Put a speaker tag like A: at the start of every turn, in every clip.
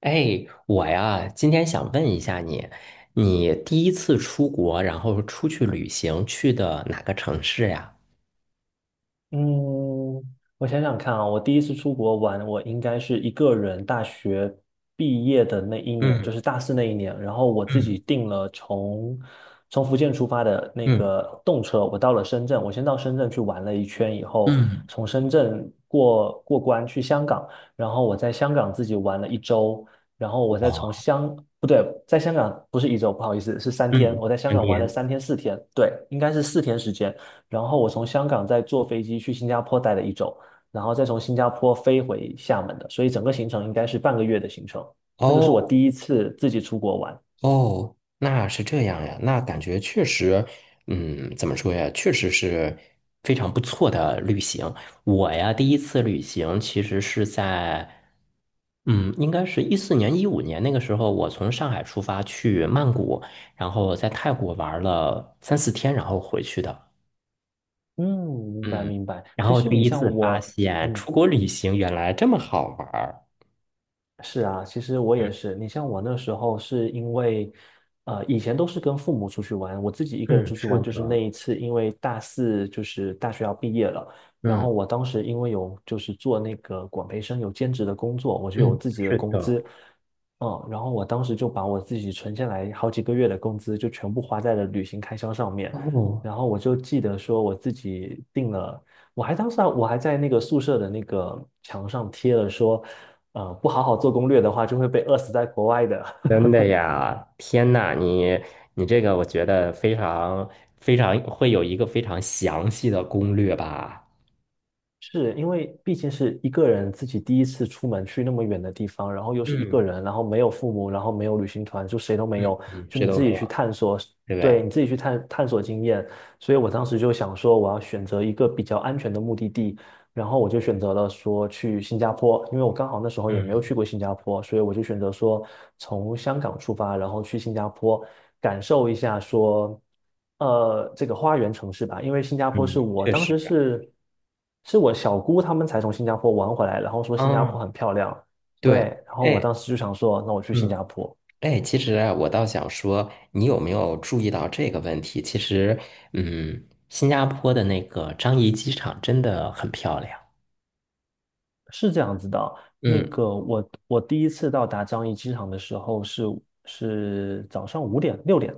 A: 哎，我呀，今天想问一下你，你第一次出国，然后出去旅行，去的哪个城市呀？
B: 嗯，我想想看啊，我第一次出国玩，我应该是一个人大学毕业的那一年，就
A: 嗯
B: 是大四那一年，然后我自己
A: 嗯
B: 订了从福建出发的那
A: 嗯
B: 个动车，我到了深圳，我先到深圳去玩了一圈以后，
A: 嗯，
B: 从深圳过关去香港，然后我在香港自己玩了一周，然后我再从
A: 哇，
B: 香，不对，在香港不是一周，不好意思，是三天，
A: 嗯，
B: 我在香
A: 天
B: 港玩了
A: 天
B: 三天四天，对，应该是四天时间。然后我从香港再坐飞机去新加坡待了一周，然后再从新加坡飞回厦门的，所以整个行程应该是半个月的行程。那个是我
A: 哦。
B: 第一次自己出国玩。
A: 哦，那是这样呀，那感觉确实，嗯，怎么说呀，确实是非常不错的旅行。我呀，第一次旅行其实是在，嗯，应该是14年、15年那个时候，我从上海出发去曼谷，然后在泰国玩了3、4天，然后回去的。
B: 嗯，明白
A: 嗯，
B: 明白。
A: 然
B: 其
A: 后
B: 实
A: 第
B: 你
A: 一
B: 像
A: 次发
B: 我，
A: 现
B: 嗯，
A: 出国旅行原来这么好玩儿。
B: 是啊，其实我
A: 嗯
B: 也是。你像我那时候是因为，以前都是跟父母出去玩，我自己一个人
A: 嗯，
B: 出去
A: 是
B: 玩，就是
A: 的，
B: 那一次，因为大四就是大学要毕业了，然
A: 嗯
B: 后我当时因为有就是做那个管培生有兼职的工作，我就有
A: 嗯，
B: 自己的
A: 是
B: 工
A: 的。
B: 资，然后我当时就把我自己存下来好几个月的工资就全部花在了旅行开销上面，
A: 哦，
B: 然后我就记得说我自己订了。我还当时啊我还在那个宿舍的那个墙上贴了说，不好好做攻略的话，就会被饿死在国外的。
A: 天呐，你这个我觉得非常非常会有一个非常详细的攻略吧？
B: 是因为毕竟是一个人自己第一次出门去那么远的地方，然后又是一个
A: 嗯
B: 人，然后没有父母，然后没有旅行团，就谁都没
A: 嗯
B: 有，
A: 嗯
B: 就
A: 这
B: 你
A: 都
B: 自
A: 没
B: 己
A: 有，
B: 去探索，
A: 对不
B: 对，
A: 对？
B: 你自己去探索经验。所以我当时就想说，我要选择一个比较安全的目的地，然后我就选择了说去新加坡，因为我刚好那时候也没有
A: 嗯
B: 去过新加坡，所以我就选择说从香港出发，然后去新加坡感受一下说，这个花园城市吧。因为新加坡
A: 嗯，
B: 是我
A: 确
B: 当
A: 实，
B: 时是我小姑他们才从新加坡玩回来，然后说新加
A: 嗯，
B: 坡很漂亮，对，
A: 对，
B: 然后我
A: 哎，
B: 当时就想说，那我去新
A: 嗯
B: 加坡。
A: 哎，其实啊，我倒想说，你有没有注意到这个问题？其实，嗯，新加坡的那个樟宜机场真的很漂亮。
B: 是这样子的，那
A: 嗯
B: 个我第一次到达樟宜机场的时候是早上五点六点，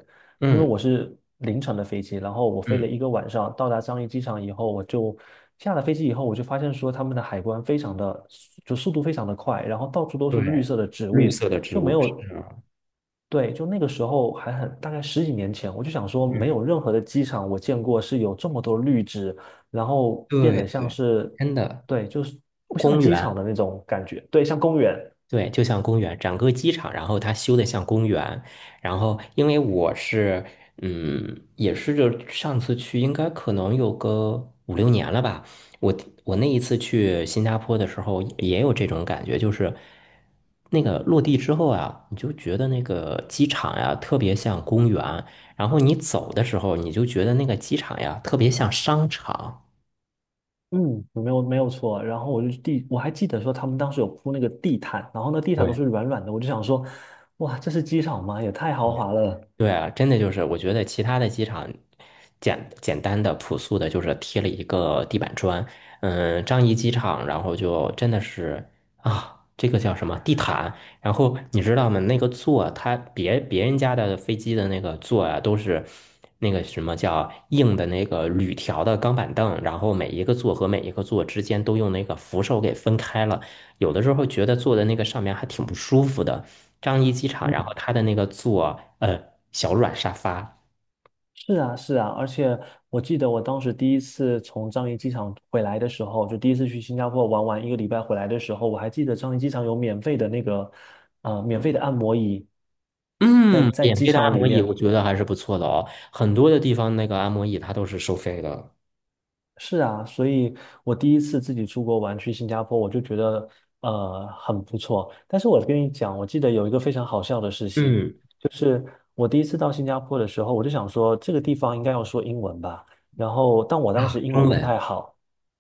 B: 因为
A: 嗯，
B: 我是凌晨的飞机，然后我飞了
A: 嗯，
B: 一个晚上，到达樟宜机场以后，我就下了飞机以后，我就发现说他们的海关非常的就速度非常的快，然后到处都
A: 对，
B: 是绿色的植
A: 绿
B: 物，
A: 色的植
B: 就没
A: 物是
B: 有
A: 啊，
B: 对，就那个时候还很，大概十几年前，我就想说，没有
A: 嗯
B: 任何的机场我见过是有这么多绿植，然后变
A: 对
B: 得像
A: 对，
B: 是，
A: 真的
B: 对，就是不像
A: 公
B: 机场
A: 园。
B: 的那种感觉，对，像公园，
A: 对，就像公园，整个机场，然后它修的像公园。然后，因为我是，嗯，也是就上次去，应该可能有个5、6年了吧。我我那一次去新加坡的时候，也有这种感觉，就是那个落地之后啊，你就觉得那个机场呀，特别像公园。然后你走的时候，你就觉得那个机场呀，特别像商场。
B: 嗯，没有没有错。然后我就地，我还记得说他们当时有铺那个地毯，然后那地毯都
A: 对，
B: 是软软的，我就想说，哇，这是机场吗？也太豪华了。
A: 对啊，真的就是，我觉得其他的机场简单的、朴素的，就是贴了一个地板砖。嗯，樟宜机场，然后就真的是啊，这个叫什么地毯？然后你知道吗？那个座，它别人家的飞机的那个座啊，都是那个什么叫硬的那个铝条的钢板凳，然后每一个座和每一个座之间都用那个扶手给分开了。有的时候觉得坐在那个上面还挺不舒服的。樟宜机场，然后它的那个座，小软沙发，
B: 是啊，是啊，而且我记得我当时第一次从樟宜机场回来的时候，就第一次去新加坡玩完一个礼拜回来的时候，我还记得樟宜机场有免费的那个，免费的按摩椅，在
A: 嗯，
B: 在
A: 免
B: 机
A: 费的按
B: 场里
A: 摩椅，我
B: 面。
A: 觉得还是不错的哦。很多的地方那个按摩椅它都是收费的。
B: 是啊，所以我第一次自己出国玩去新加坡，我就觉得很不错。但是我跟你讲，我记得有一个非常好笑的事情，
A: 嗯
B: 我第一次到新加坡的时候，我就想说这个地方应该要说英文吧，然后但我当时
A: 啊，
B: 英
A: 中
B: 文不太
A: 文，
B: 好。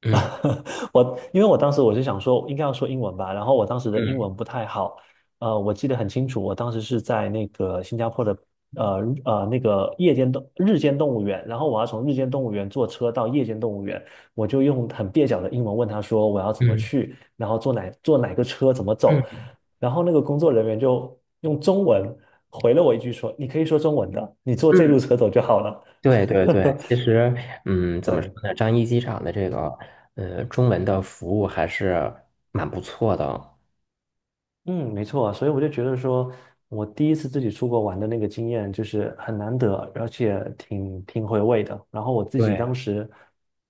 A: 嗯
B: 我因为我当时我是想说应该要说英文吧，然后我当时的英文
A: 嗯
B: 不太好，我记得很清楚，我当时是在那个新加坡的呃那个夜间动日间动物园，然后我要从日间动物园坐车到夜间动物园，我就用很蹩脚的英文问他说我要怎么
A: 嗯
B: 去，然后坐哪个车怎么走，
A: 嗯
B: 然后那个工作人员就用中文回了我一句说你可以说中文的，你坐这路
A: 嗯，
B: 车走就好了，
A: 对对对，其实，嗯，怎么说
B: 对。
A: 呢？樟宜机场的这个，中文的服务还是蛮不错的。
B: 嗯，没错啊，所以我就觉得说，我第一次自己出国玩的那个经验就是很难得，而且挺回味的。然后我自己
A: 对，
B: 当时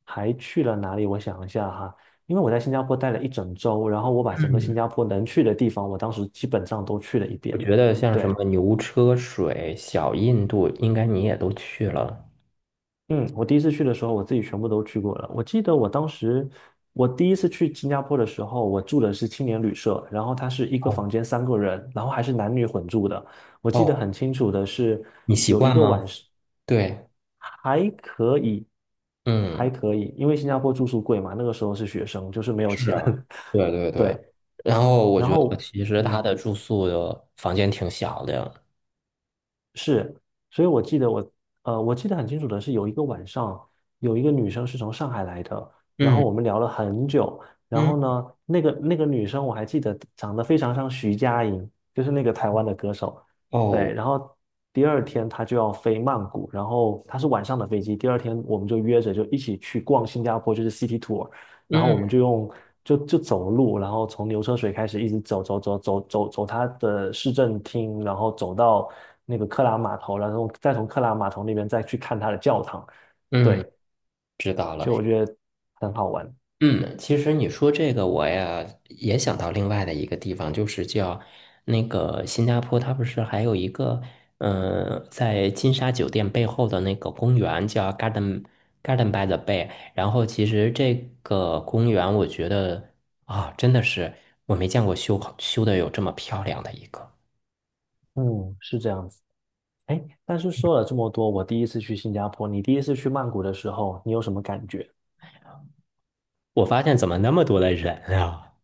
B: 还去了哪里？我想一下哈，因为我在新加坡待了一整周，然后我把整个新
A: 嗯。
B: 加坡能去的地方，我当时基本上都去了一
A: 我
B: 遍。
A: 觉得像什
B: 对，
A: 么牛车水、小印度，应该你也都去了。
B: 嗯，我第一次去的时候，我自己全部都去过了。我记得我当时，我第一次去新加坡的时候，我住的是青年旅社，然后它是一个
A: 哦
B: 房间三个人，然后还是男女混住的。我记得
A: 哦，
B: 很清楚的是，
A: 你习
B: 有一
A: 惯
B: 个
A: 吗？
B: 晚上
A: 对，
B: 还可以，还
A: 嗯，
B: 可以，因为新加坡住宿贵嘛，那个时候是学生，就是没有
A: 是
B: 钱。
A: 啊，对对 对。
B: 对，
A: 然后我
B: 然
A: 觉得
B: 后
A: 其实他
B: 嗯，
A: 的住宿的房间挺小的。
B: 是，所以我记得我，我记得很清楚的是，有一个晚上，有一个女生是从上海来的，然后
A: 嗯
B: 我们聊了很久，然
A: 嗯，
B: 后呢，那个女生我还记得长得非常像徐佳莹，就是那个台湾的歌手，对，
A: 哦，
B: 然后第二天她就要飞曼谷，然后她是晚上的飞机，第二天我们就约着就一起去逛新加坡，就是 City Tour，然后
A: 嗯
B: 我们就用就就走路，然后从牛车水开始一直走走走走走走他的市政厅，然后走到那个克拉码头，然后再从克拉码头那边再去看他的教堂。对，
A: 嗯，知道了。
B: 就我觉得很好玩。
A: 嗯其实你说这个，我呀也想到另外的一个地方，就是叫那个新加坡，它不是还有一个，嗯、在金沙酒店背后的那个公园叫 Garden by the Bay。然后其实这个公园，我觉得啊、真的是我没见过修好修的有这么漂亮的一个。
B: 嗯，是这样子。哎，但是说了这么多，我第一次去新加坡，你第一次去曼谷的时候，你有什么感觉？
A: 我发现怎么那么多的人啊？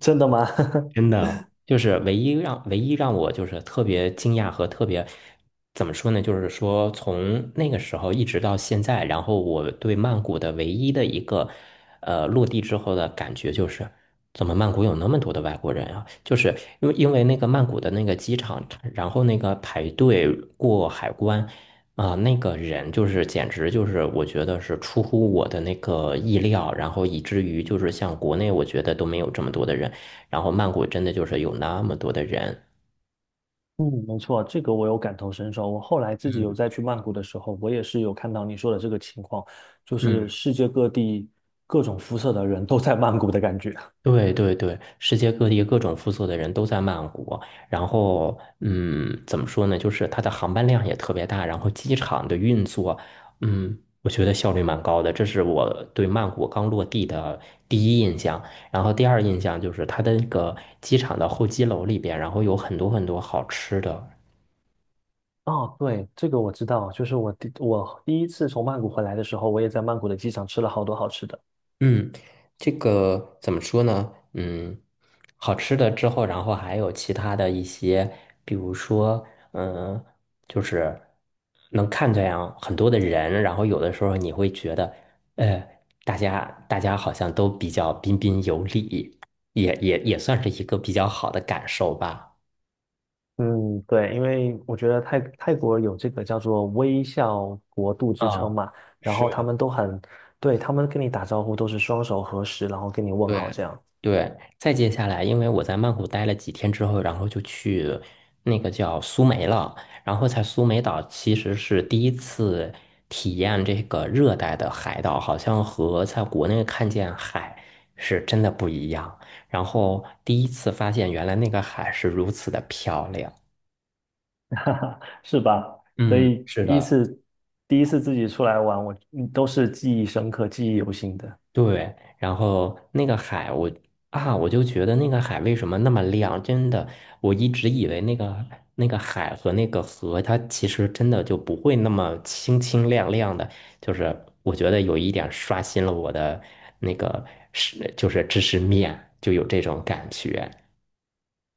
B: 真的吗？
A: 真的就是唯一让我就是特别惊讶和特别怎么说呢？就是说从那个时候一直到现在，然后我对曼谷的唯一的一个落地之后的感觉就是，怎么曼谷有那么多的外国人啊？就是因为那个曼谷的那个机场，然后那个排队过海关啊、那个人就是简直就是我觉得是出乎我的那个意料，然后以至于就是像国内我觉得都没有这么多的人。然后曼谷真的就是有那么多的人。
B: 嗯，没错，这个我有感同身受。我后来自己有
A: 嗯
B: 再去曼谷的时候，我也是有看到你说的这个情况，就是
A: 嗯
B: 世界各地各种肤色的人都在曼谷的感觉。
A: 对对对，世界各地各种肤色的人都在曼谷，然后嗯，怎么说呢？就是它的航班量也特别大，然后机场的运作，嗯，我觉得效率蛮高的，这是我对曼谷刚落地的第一印象。然后第二印象就是它的那个机场的候机楼里边，然后有很多很多好吃的。
B: 哦，对，这个我知道，就是我第一次从曼谷回来的时候，我也在曼谷的机场吃了好多好吃的。
A: 嗯，这个怎么说呢？嗯，好吃的之后，然后还有其他的一些，比如说，嗯，就是能看见啊很多的人，然后有的时候你会觉得，呃，大家好像都比较彬彬有礼，也算是一个比较好的感受吧。
B: 嗯，对，因为我觉得泰国有这个叫做微笑国度之称
A: 啊，
B: 嘛，然后他
A: 是。
B: 们都很，对，他们跟你打招呼都是双手合十，然后跟你问
A: 对。
B: 好这样。
A: 对，再接下来，因为我在曼谷待了几天之后，然后就去那个叫苏梅了，然后在苏梅岛其实是第一次体验这个热带的海岛，好像和在国内看见海是真的不一样。然后第一次发现原来那个海是如此的漂亮。
B: 哈哈，是吧？所
A: 嗯，
B: 以
A: 是
B: 第一
A: 的，
B: 次第一次自己出来玩，我都是记忆深刻、记忆犹新的。
A: 对，然后那个海我，啊，我就觉得那个海为什么那么亮？真的，我一直以为那个海和那个河，它其实真的就不会那么清清亮亮的。就是我觉得有一点刷新了我的那个是，就是知识面，就有这种感觉。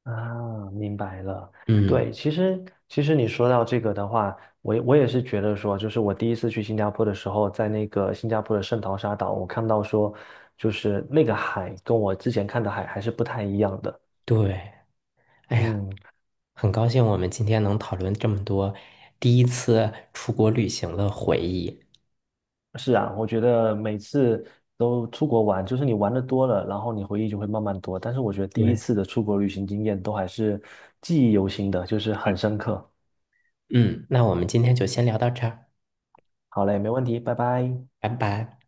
B: 啊，明白了。
A: 嗯，
B: 对，其实你说到这个的话，我也是觉得说，就是我第一次去新加坡的时候，在那个新加坡的圣淘沙岛，我看到说，就是那个海跟我之前看的海还是不太一样的。
A: 对，哎呀，
B: 嗯，
A: 很高兴我们今天能讨论这么多第一次出国旅行的回忆。
B: 是啊，我觉得每次都出国玩，就是你玩的多了，然后你回忆就会慢慢多。但是我觉得第一
A: 对，
B: 次的出国旅行经验都还是记忆犹新的，就是很深刻。
A: 嗯，那我们今天就先聊到这儿。
B: 好嘞，没问题，拜拜。
A: 拜拜。